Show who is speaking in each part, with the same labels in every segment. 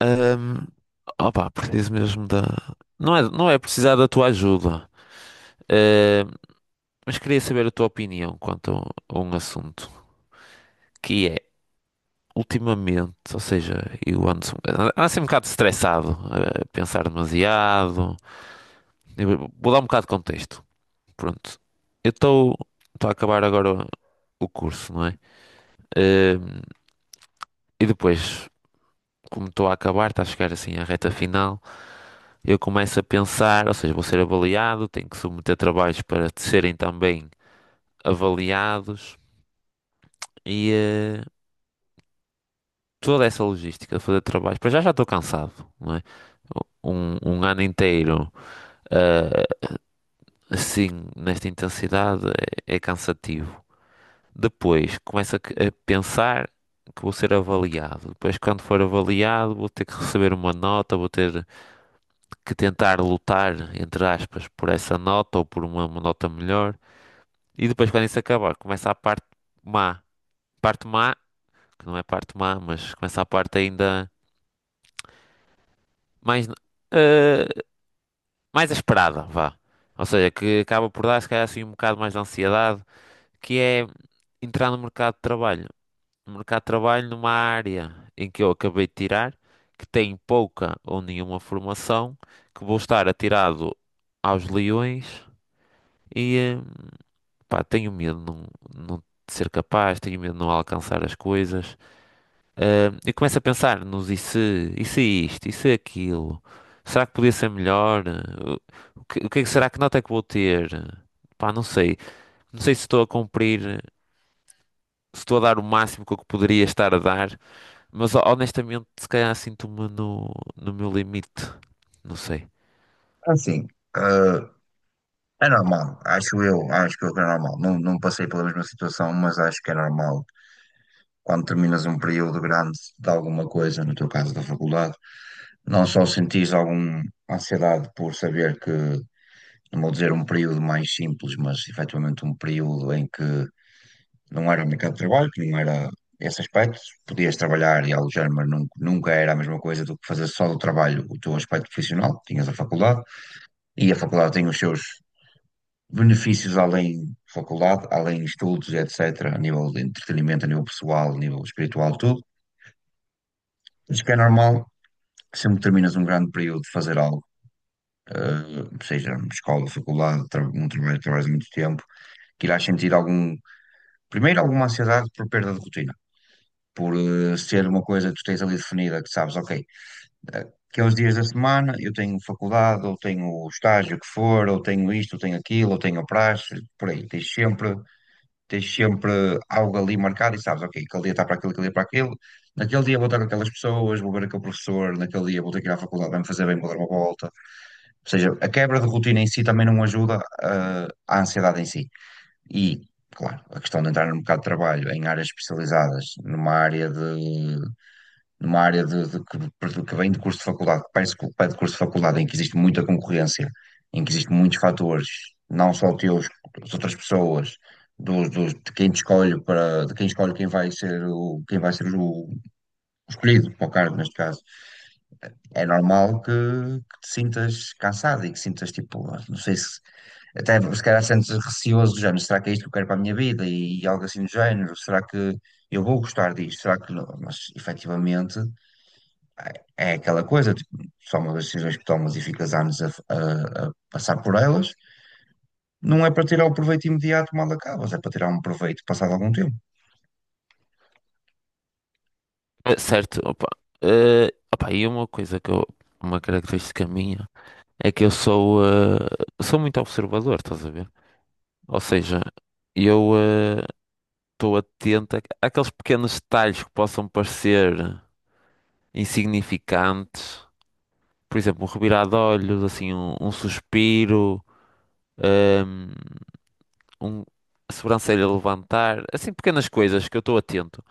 Speaker 1: Ahm, opá, preciso mesmo da. Não é, precisar da tua ajuda, ahm, mas queria saber a tua opinião quanto a um assunto que é, ultimamente, ou seja, eu ando assim um bocado estressado, a pensar demasiado. Eu vou dar um bocado de contexto. Pronto, eu estou a acabar agora o curso, não é? Ahm, e depois, como estou a acabar, está a chegar assim à reta final. Eu começo a pensar, ou seja, vou ser avaliado, tenho que submeter trabalhos para serem também avaliados e toda essa logística de fazer trabalhos. Para já já estou cansado, não é? Um ano inteiro eh, assim, nesta intensidade, é cansativo. Depois começo a pensar que vou ser avaliado. Depois, quando for avaliado, vou ter que receber uma nota, vou ter que tentar lutar, entre aspas, por essa nota ou por uma nota melhor. E depois, quando isso acabar, começa a parte má. Parte má, que não é parte má, mas começa a parte ainda mais, eh, mais esperada, vá. Ou seja, que acaba por dar, se calhar, assim, um bocado mais de ansiedade, que é entrar no mercado de trabalho. No mercado de trabalho, numa área em que eu acabei de tirar, que tem pouca ou nenhuma formação, que vou estar atirado aos leões e, pá, tenho medo de não, não ser capaz, tenho medo de não alcançar as coisas. E começo a pensar nos e se isto, e se aquilo, será que podia ser melhor? O que é que será que nota é que vou ter? Pá, não sei. Não sei se estou a cumprir, se estou a dar o máximo que eu poderia estar a dar, mas honestamente, se calhar sinto-me no, no meu limite. Não sei.
Speaker 2: Assim, eh, é normal, acho eu, que é normal. Não, passei pela mesma situação, mas acho que é normal quando terminas um período grande de alguma coisa, no teu caso da faculdade, não só sentis alguma ansiedade por saber que, não vou dizer um período mais simples, mas efetivamente um período em que não era o mercado de trabalho, que não era esse aspecto, podias trabalhar e alojar, mas nunca era a mesma coisa do que fazer só do trabalho o teu aspecto profissional, tinhas a faculdade. E a faculdade tem os seus benefícios além de faculdade, além de estudos, etc., a nível de entretenimento, a nível pessoal, a nível espiritual, tudo. Acho que é normal, sempre que terminas um grande período de fazer algo, seja escola, faculdade, tra um trabalho que trabalhas muito tempo, que irás sentir algum, primeiro alguma ansiedade por perda de rotina, por ser uma coisa que tu tens ali definida, que sabes, ok, aqueles dias da semana eu tenho faculdade, ou tenho o estágio que for, ou tenho isto, ou tenho aquilo, ou tenho a praxe, por aí, tens sempre algo ali marcado e sabes, ok, aquele dia está para aquilo, aquele dia para aquilo, naquele dia vou estar com aquelas pessoas, vou ver aquele professor, naquele dia vou ter que ir à faculdade, vai-me fazer bem, vou dar uma volta. Ou seja, a quebra de rotina em si também não ajuda à ansiedade em si. E, claro, a questão de entrar no mercado de trabalho em áreas especializadas, numa área de que vem de curso de faculdade, que parece que pede curso de faculdade, em que existe muita concorrência, em que existem muitos fatores, não só teus, das outras pessoas, de quem te escolhe para, de quem escolhe quem vai ser quem vai ser o escolhido para o cargo neste caso. É normal que te sintas cansado e que sintas tipo, não sei se até se calhar sentes receoso do género, será que é isto que eu quero para a minha vida? E, algo assim do género, será que eu vou gostar disto? Será que não? Mas efetivamente é aquela coisa, tipo, são as decisões que tomas e ficas anos a passar por elas. Não é para tirar o proveito imediato mal acabas, é para tirar um proveito passado algum tempo.
Speaker 1: Certo, opa. Ah, opa, e uma coisa que eu, uma característica minha é que eu sou, sou muito observador, estás a ver? Ou seja, eu. ah, estou atento àqueles pequenos detalhes que possam parecer insignificantes. Por exemplo, um revirar de olhos, assim, um suspiro, ahm, um, a sobrancelha levantar, assim, pequenas coisas que eu estou atento,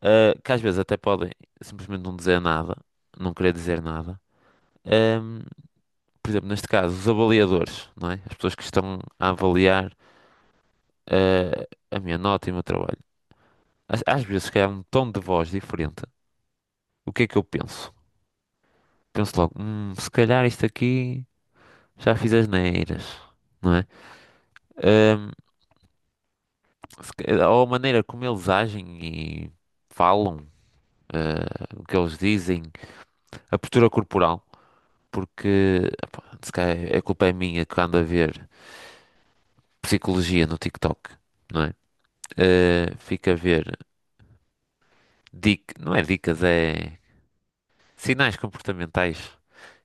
Speaker 1: que às vezes até podem simplesmente não dizer nada, não querer dizer nada. Ahm, por exemplo, neste caso, os avaliadores, não é? As pessoas que estão a avaliar, a minha nota e o meu trabalho. Às vezes, se calhar, um tom de voz diferente. O que é que eu penso? Penso logo, se calhar isto aqui já fiz asneiras, não é? Ahm, se ca- ou a maneira como eles agem e falam, o que eles dizem, a postura corporal, porque epá, se calhar é, a culpa é minha que ando a ver psicologia no TikTok, não é? Fico a ver não é dicas, é sinais comportamentais.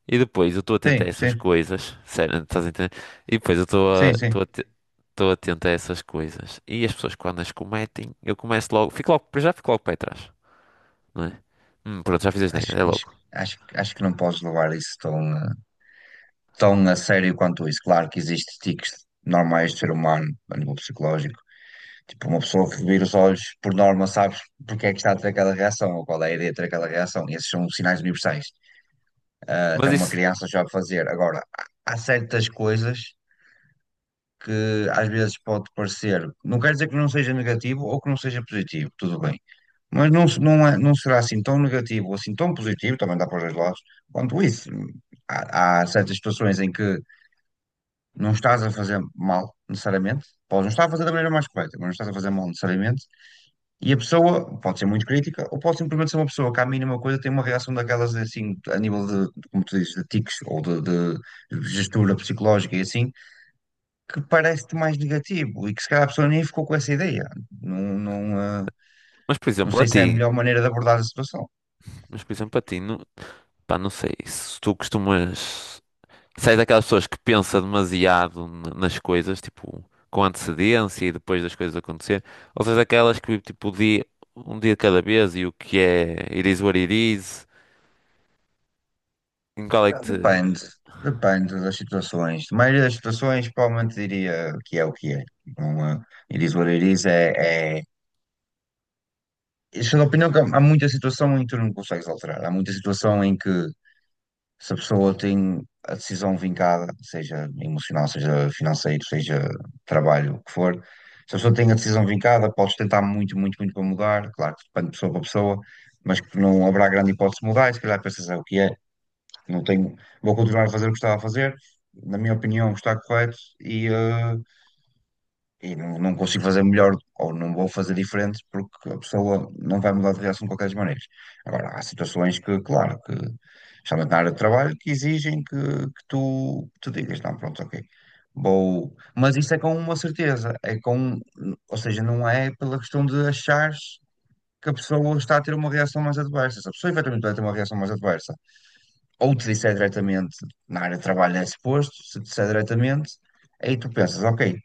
Speaker 1: E depois eu estou atento a
Speaker 2: Sim,
Speaker 1: essas
Speaker 2: sim,
Speaker 1: coisas, sério, estás a entender? E depois eu estou
Speaker 2: sim,
Speaker 1: a,
Speaker 2: sim.
Speaker 1: Estou atento a essas coisas. E as pessoas quando as cometem, eu começo logo, fico logo, para já fico logo para trás, não é? Pronto, já fiz a asneira,
Speaker 2: Acho,
Speaker 1: é
Speaker 2: que- acho,
Speaker 1: logo.
Speaker 2: Acho que não podes levar isso tão, tão a sério quanto isso. Claro que existem tiques normais de ser humano a nível psicológico. Tipo, uma pessoa que vira os olhos, por norma, sabes porque é que está a ter aquela reação ou qual é a ideia de ter aquela reação. Esses são sinais universais. Até
Speaker 1: Mas
Speaker 2: uma
Speaker 1: isso,
Speaker 2: criança sabe fazer. Agora, há certas coisas que às vezes pode parecer, não quer dizer que não seja negativo ou que não seja positivo, tudo bem, mas não será assim tão negativo ou assim tão positivo, também dá para os dois lados, quanto isso. Há certas situações em que não estás a fazer mal, necessariamente. Podes não estar a fazer da maneira mais correta, mas não estás a fazer mal, necessariamente. E a pessoa pode ser muito crítica, ou pode simplesmente ser uma pessoa que, à mínima coisa, tem uma reação daquelas, assim, a nível de como tu dizes, de tiques ou de gestura psicológica e assim, que parece-te mais negativo e que, se calhar, a pessoa nem ficou com essa ideia. Não, não, eh,
Speaker 1: mas por
Speaker 2: não
Speaker 1: exemplo, a
Speaker 2: sei se é a
Speaker 1: ti,
Speaker 2: melhor maneira de abordar a situação.
Speaker 1: mas por exemplo, a ti, não, pá, não sei, se tu costumas, se és daquelas pessoas que pensa demasiado nas coisas, tipo, com antecedência e depois das coisas acontecer, ou se és daquelas que tipo o dia, um dia de cada vez e o que é, it is what it is, em qual é que te,
Speaker 2: Depende, depende das situações. Na maioria das situações, provavelmente diria que é o que é. Não, é- It is what it is. Isso é da opinião que há muita situação em que tu não consegues alterar. Há muita situação em que se a pessoa tem a decisão vincada, seja emocional, seja financeiro, seja trabalho, o que for, se a pessoa tem a decisão vincada, podes tentar muito, muito, muito para mudar. Claro que depende de pessoa para pessoa, mas que não haverá grande hipótese de mudar. E se calhar pensas é o que é. Não tenho, vou continuar a fazer o que estava a fazer, na minha opinião está correto e não, não consigo fazer melhor ou não vou fazer diferente porque a pessoa não vai mudar de reação de qualquer maneira. Agora, há situações que, claro, que especialmente na área de trabalho, que exigem que tu te digas, não, pronto, ok, vou... Mas isso é com uma certeza, é com... Ou seja, não é pela questão de achares que a pessoa está a ter uma reação mais adversa. Se a pessoa efetivamente vai ter uma reação mais adversa, ou te disser diretamente na área de trabalho é suposto, se te disser diretamente, aí tu pensas, ok,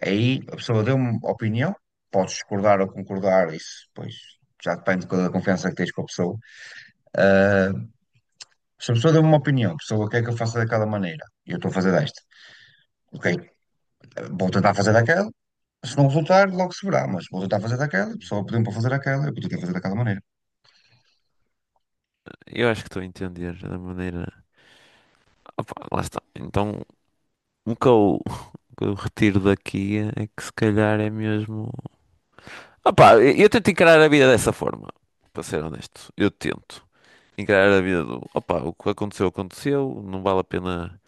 Speaker 2: aí a pessoa deu uma opinião, podes discordar ou concordar, isso pois já depende da confiança que tens com a pessoa. Ah, Se a pessoa deu uma opinião, a pessoa quer que eu faça daquela maneira, e eu estou a fazer desta, ok, vou tentar fazer daquela, se não resultar, logo se verá, mas vou tentar fazer daquela, a
Speaker 1: Uhum.
Speaker 2: pessoa pediu para fazer daquela, eu podia fazer daquela maneira.
Speaker 1: eu acho que estou a entender da maneira Opa, lá está. Então, o que eu, o que eu retiro daqui é que se calhar é mesmo. Opa, eu tento encarar a vida dessa forma, para ser honesto. Eu tento encarar a vida do. Opa, o que aconteceu, aconteceu. Não vale a pena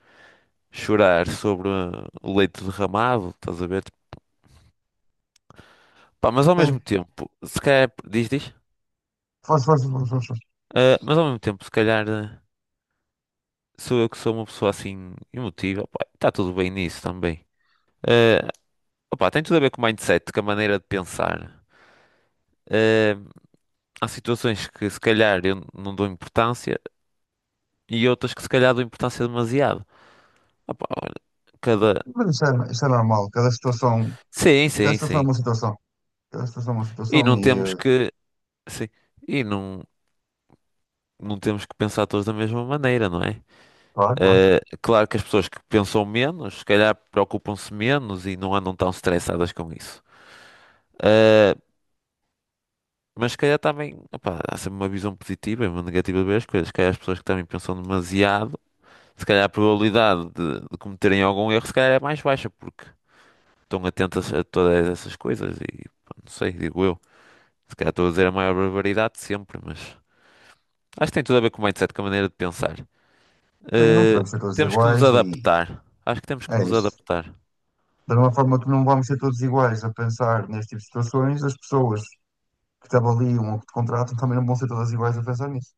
Speaker 1: chorar sobre o leite derramado, estás a ver? Pá, mas ao
Speaker 2: Sim,
Speaker 1: mesmo tempo, se calhar. Diz, diz.
Speaker 2: força, força, força, força.
Speaker 1: Mas ao mesmo tempo, se calhar sou eu que sou uma pessoa assim emotiva. Opa, está tudo bem nisso também. Ah, opa, tem tudo a ver com o mindset, com a maneira de pensar. Ah, há situações que se calhar eu não dou importância e outras que se calhar dou importância demasiado. Opa, olha, cada.
Speaker 2: Mas isso é normal,
Speaker 1: Sim,
Speaker 2: cada
Speaker 1: sim,
Speaker 2: situação é
Speaker 1: sim.
Speaker 2: uma situação. Cada situação é uma
Speaker 1: E
Speaker 2: situação
Speaker 1: não
Speaker 2: e,
Speaker 1: temos
Speaker 2: eh,
Speaker 1: que. Sim. E não, não temos que pensar todos da mesma maneira, não é?
Speaker 2: claro, claro.
Speaker 1: Claro que as pessoas que pensam menos, se calhar preocupam-se menos e não andam tão estressadas com isso. Eh, mas se calhar também, opa, há sempre uma visão positiva e uma negativa de ver as coisas. Se calhar as pessoas que também pensam demasiado, se calhar a probabilidade de cometerem algum erro, se calhar é mais baixa, porque estão atentas a todas essas coisas e pá, não sei, digo eu. Se calhar estou a dizer a maior barbaridade de sempre, mas acho que tem tudo a ver com o mindset, com a maneira de pensar.
Speaker 2: Sim, não
Speaker 1: Eh,
Speaker 2: podemos ser todos
Speaker 1: temos que nos
Speaker 2: iguais e
Speaker 1: adaptar. Acho que temos que
Speaker 2: é
Speaker 1: nos
Speaker 2: isso.
Speaker 1: adaptar.
Speaker 2: Da mesma forma que não vamos ser todos iguais a pensar neste tipo de situações, as pessoas que te avaliam ou que te contratam também não vão ser todas iguais a pensar nisso.